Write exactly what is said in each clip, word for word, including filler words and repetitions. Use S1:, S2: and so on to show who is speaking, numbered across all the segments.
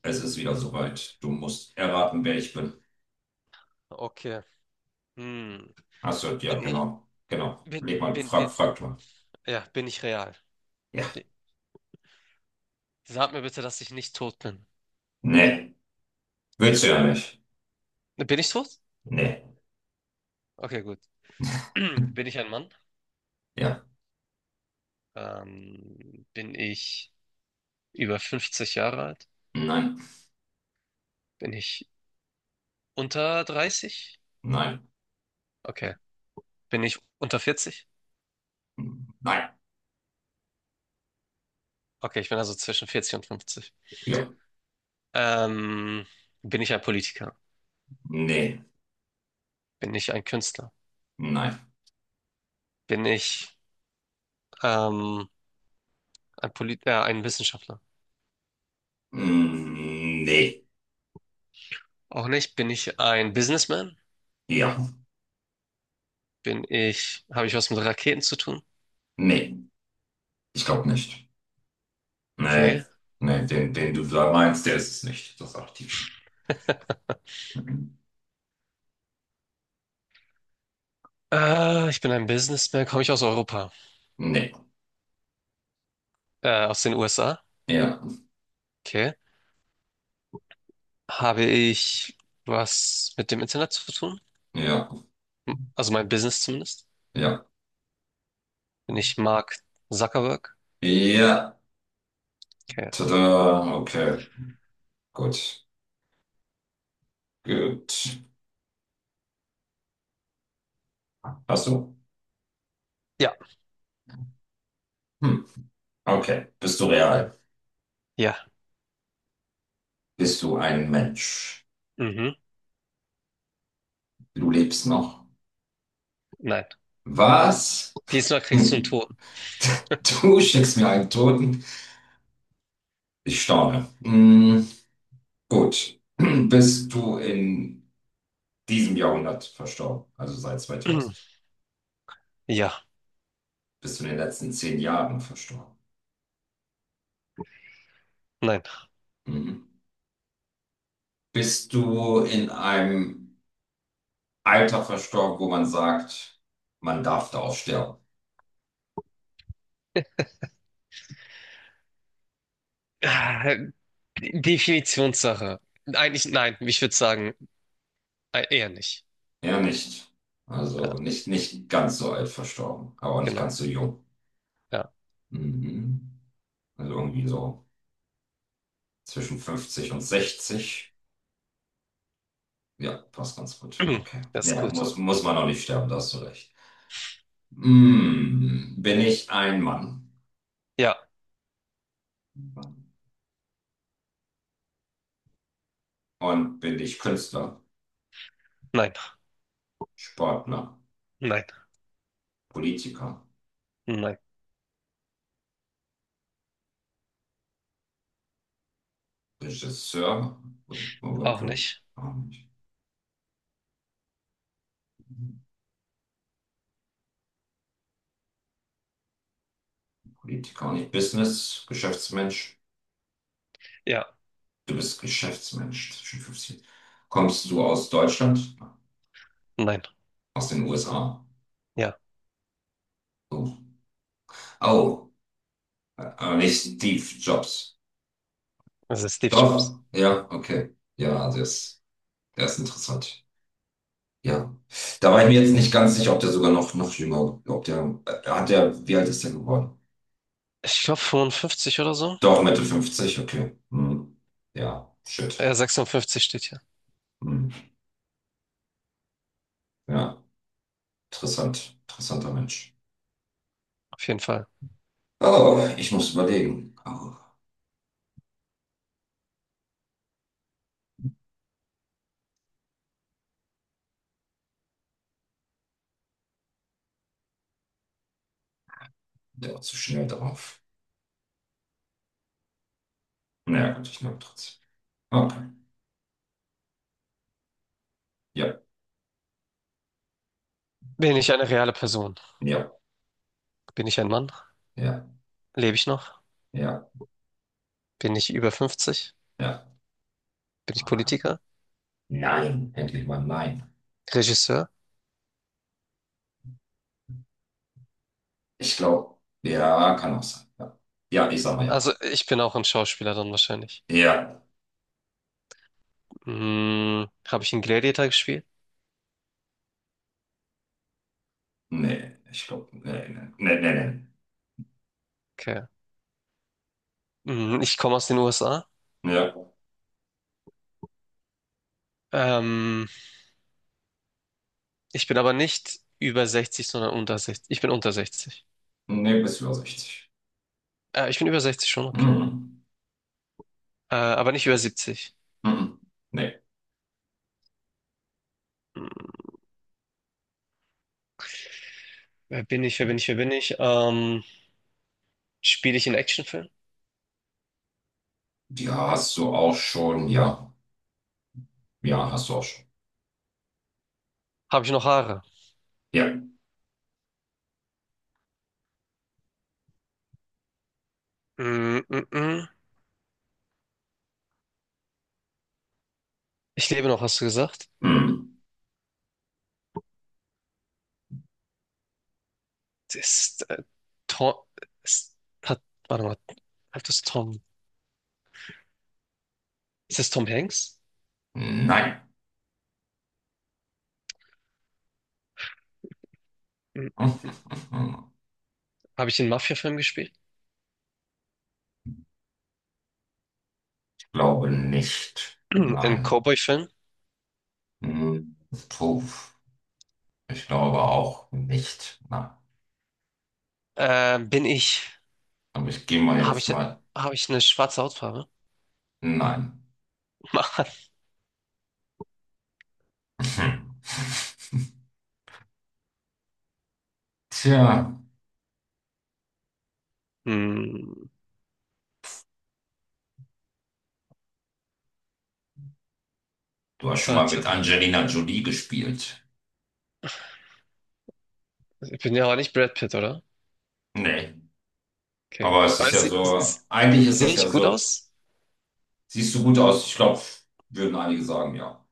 S1: Es ist wieder soweit. Du musst erraten, wer ich bin.
S2: Okay. Hm.
S1: Achso, ja,
S2: Bin ich,
S1: genau. Genau.
S2: bin,
S1: Leg mal,
S2: bin,
S1: frag,
S2: bin,
S1: frag mal.
S2: ja, Bin ich real?
S1: Ja.
S2: Sag mir bitte, dass ich nicht tot bin.
S1: Nee. Willst du ja nicht.
S2: Bin ich tot?
S1: Nee.
S2: Okay, gut. Bin ich ein Mann?
S1: Ja.
S2: Ähm, bin ich über fünfzig Jahre alt?
S1: Nein.
S2: Bin ich unter dreißig?
S1: Nein.
S2: Okay. Bin ich unter vierzig?
S1: Nein.
S2: Okay, ich bin also zwischen vierzig und fünfzig.
S1: Ja.
S2: Ähm, Bin ich ein Politiker?
S1: Nee.
S2: Bin ich ein Künstler?
S1: Nein.
S2: Bin ich ähm, ein Polit äh, ein Wissenschaftler?
S1: Mm, Nee.
S2: Auch nicht. Bin ich ein Businessman?
S1: Ja.
S2: Bin ich, habe ich was mit Raketen zu tun?
S1: Nee. Ich glaube nicht. Nee.
S2: Okay.
S1: Nee, den, den du da meinst, der ist es nicht. Das sag ich dir schon.
S2: Äh, ich bin ein Businessman, komme ich aus Europa,
S1: Nee.
S2: äh, aus den U S A.
S1: Ja.
S2: Okay. Habe ich was mit dem Internet zu tun?
S1: Ja.
S2: M- Also mein Business zumindest.
S1: Ja.
S2: Bin ich Mark Zuckerberg?
S1: Ja.
S2: Okay.
S1: Tada. Okay. Gut. Gut. Hast du?
S2: Ja.
S1: Hm. Okay. Bist du real?
S2: Ja.
S1: Bist du ein Mensch?
S2: Mhm.
S1: Du lebst noch?
S2: Nein.
S1: Was?
S2: Diesmal kriegst du einen
S1: Hm.
S2: Toten.
S1: Du schickst mir einen Toten? Ich staune. Hm. Gut. Bist du in diesem Jahrhundert verstorben? Also seit zweitausend?
S2: Ja.
S1: Bist du in den letzten zehn Jahren verstorben?
S2: Nein.
S1: Mhm. Bist du in einem Alter verstorben, wo man sagt, man darf da auch sterben?
S2: Äh, Definitionssache. Eigentlich nein. Ich würde sagen, e- eher nicht.
S1: Er nicht.
S2: Ja,
S1: Also nicht, nicht ganz so alt verstorben, aber auch nicht
S2: genau.
S1: ganz so jung.
S2: Ja.
S1: Mhm. Also irgendwie so zwischen fünfzig und sechzig. Ja, passt ganz gut. Okay.
S2: Das ist
S1: Ja,
S2: gut.
S1: muss, muss man auch nicht sterben, da hast du recht. Hm, bin ich ein Mann?
S2: Ja.
S1: Und bin ich Künstler,
S2: Nein.
S1: Sportler,
S2: Nein.
S1: Politiker,
S2: Nein,
S1: Regisseur?
S2: auch
S1: Obwohl,
S2: nicht.
S1: auch nicht. Politiker, auch nicht Business, Geschäftsmensch.
S2: Ja,
S1: Du bist Geschäftsmensch, zwischen fünfzehn. Kommst du aus Deutschland?
S2: nein.
S1: Aus den U S A?
S2: Ja,
S1: Oh, oh, äh, aber nicht Steve Jobs.
S2: also Steve Jobs.
S1: Doch, ja, okay. Ja, der ist, der ist interessant. Ja. Da war ich mir jetzt nicht ganz sicher, ob der sogar noch, noch jünger, ob der, äh, hat der, wie alt ist der geworden?
S2: Ich glaube fünfundfünfzig oder so.
S1: Doch, Mitte fünfzig, okay. Hm. Ja, shit.
S2: Äh, sechsundfünfzig steht hier.
S1: Hm. Ja, interessant, interessanter Mensch.
S2: Auf jeden Fall.
S1: Oh, ich muss überlegen. Oh, der war zu schnell drauf. Naja, gut, ich nehme trotzdem. Okay. Ja,
S2: Bin ich eine reale Person?
S1: ja,
S2: Bin ich ein Mann?
S1: ja,
S2: Lebe ich noch?
S1: ja,
S2: Bin ich über fünfzig?
S1: ja.
S2: Bin ich
S1: Ah,
S2: Politiker?
S1: nein, endlich mal nein.
S2: Regisseur?
S1: Ich glaube, ja, kann auch sein. Ja, ja, ich sag mal ja.
S2: Also ich bin auch ein Schauspieler dann wahrscheinlich.
S1: Ja,
S2: Hm, habe ich einen Gladiator gespielt?
S1: nee, ich glaube, nee, nee, nee, nee,
S2: Okay. Hm, ich komme aus den U S A.
S1: nee. Ja,
S2: Ähm, Ich bin aber nicht über sechzig, sondern unter sechzig. Ich bin unter sechzig.
S1: nee, bis über sechzig.
S2: Äh, ich bin über sechzig schon, okay.
S1: Mhm.
S2: Äh, aber nicht über siebzig.
S1: Mhm. Nee,
S2: Wer bin ich, wer bin ich, wer bin ich? Ähm, spiele ich in Actionfilmen?
S1: die hast du auch schon, ja. Ja, hast du auch schon.
S2: Habe ich noch Haare?
S1: Ja.
S2: Mm, mm, mm. Ich lebe noch, hast du gesagt?
S1: Mhm.
S2: Ist, äh, Tom, ist, hat, warte mal, hat das Tom, Ist das Tom Hanks?
S1: Nein.
S2: Mm. Habe ich in Mafia-Film gespielt?
S1: Ich glaube nicht.
S2: In
S1: Nein.
S2: Cowboy-Film?
S1: Mhm. Puh. Ich glaube auch nicht. Nein.
S2: Ähm, bin ich,
S1: Aber ich gehe mal
S2: habe
S1: jetzt
S2: ich,
S1: mal.
S2: Habe ich eine schwarze Hautfarbe?
S1: Nein.
S2: Mann.
S1: Tja,
S2: Hm,
S1: du hast schon mal
S2: warte,
S1: mit Angelina Jolie gespielt.
S2: ich bin ja auch nicht Brad Pitt, oder?
S1: Nee.
S2: Okay.
S1: Aber es ist
S2: Weil
S1: ja
S2: sie,
S1: so,
S2: sie,
S1: eigentlich ist
S2: sehe
S1: das ja
S2: ich gut
S1: so,
S2: aus?
S1: siehst du gut aus. Ich glaube, würden einige sagen, ja.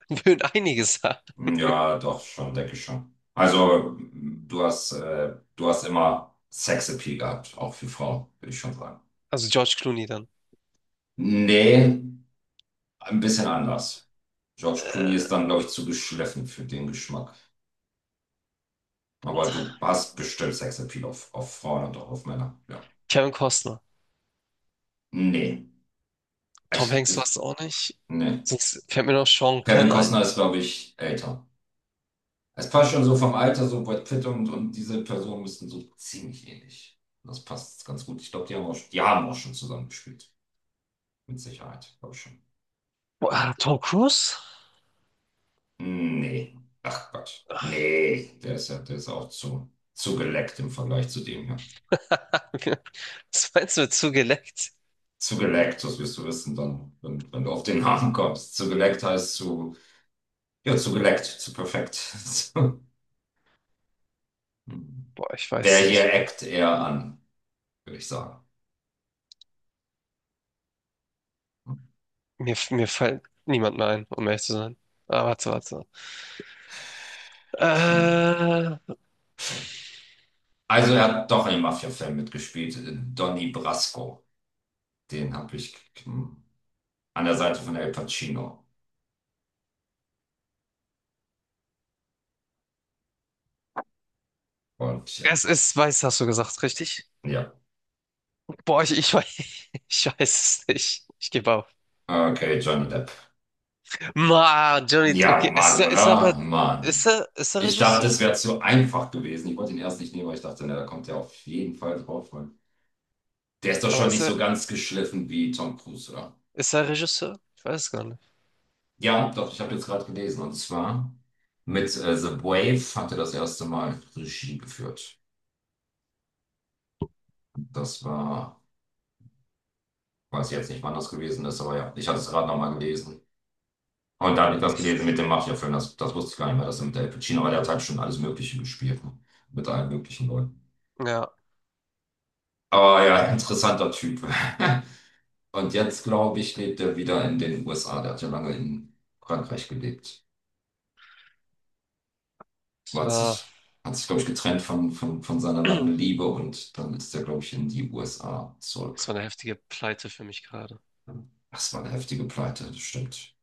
S2: Würden einige sagen.
S1: Ja, doch, schon, denke ich schon. Also, mm, du hast, äh, du hast immer Sexappeal gehabt, auch für Frauen, würde ich schon sagen.
S2: Also George Clooney dann.
S1: Nee, ein bisschen anders. George Clooney ist dann, glaube ich, zu geschliffen für den Geschmack. Aber du hast bestimmt Sexappeal auf, auf Frauen und auch auf Männer. Ja.
S2: Kevin Costner.
S1: Nee.
S2: Tom
S1: Ich,
S2: Hanks war
S1: ist,
S2: es auch nicht.
S1: nee.
S2: Sonst fällt mir noch Sean
S1: Kevin
S2: Penn
S1: Costner
S2: ein.
S1: ist, glaube ich, älter. Es passt schon so vom Alter, so Brad Pitt und, und diese Personen müssten so ziemlich ähnlich. Das passt ganz gut. Ich glaube, die haben auch, die haben auch schon zusammen gespielt. Mit Sicherheit, glaube ich schon.
S2: Boah, ah, Tom Cruise?
S1: Nee. Ach Gott. Nee. Der ist ja, der ist ja auch zu, zu geleckt im Vergleich zu dem hier.
S2: Was meinst du mit zugeleckt?
S1: Zu geleckt, das wirst du wissen dann, wenn, wenn du auf den Namen kommst. Zu geleckt heißt zu Ja, zu geleckt, zu perfekt.
S2: Boah, ich
S1: Der
S2: weiß,
S1: hier
S2: ich,
S1: eckt eher an, würde ich sagen.
S2: mir, Mir fällt niemand mehr ein, um ehrlich zu sein. Ah, warte, warte.
S1: Tja.
S2: Äh,
S1: Also er hat doch einen Mafia-Film mitgespielt, Donnie Brasco. Den habe ich hm, an der Seite von El Pacino. Und ja,
S2: Es ist weiß, hast du gesagt, richtig?
S1: ja.
S2: Boah, ich, ich, weiß, Ich weiß es nicht. Ich gebe auf.
S1: Okay, Johnny Depp.
S2: Ma, Johnny,
S1: Ja,
S2: okay, ist
S1: Mann,
S2: er, ist er
S1: oder?
S2: aber,
S1: Mann.
S2: ist er, ist er
S1: Ich dachte, es
S2: Regisseur?
S1: wäre zu einfach gewesen. Ich wollte ihn erst nicht nehmen, weil ich dachte, na, da kommt er auf jeden Fall drauf, weil der ist doch
S2: Aber
S1: schon
S2: ist
S1: nicht
S2: er,
S1: so ganz geschliffen wie Tom Cruise, oder?
S2: ist er Regisseur? Ich weiß es gar nicht.
S1: Ja, doch, ich habe jetzt gerade gelesen. Und zwar mit äh, The Wave hat er das erste Mal Regie geführt. Das war, weiß ich jetzt nicht, wann das gewesen ist, aber ja, ich hatte es gerade nochmal gelesen. Und da hatte ich das
S2: Mist.
S1: gelesen mit dem Mafia-Film, das, das wusste ich gar nicht mehr, dass er mit Al Pacino, aber der hat halt schon alles Mögliche gespielt, ne? Mit allen möglichen Leuten.
S2: Ja,
S1: Aber ja, interessanter Typ. Und jetzt, glaube ich, lebt er wieder in den U S A. Der hat ja lange in Frankreich gelebt,
S2: es
S1: aber hat
S2: war.
S1: sich, hat sich, glaube ich, getrennt von, von, von seiner langen Liebe und dann ist er, glaube ich, in die U S A
S2: Das war
S1: zurück.
S2: eine heftige Pleite für mich gerade.
S1: Das war eine heftige Pleite, das stimmt.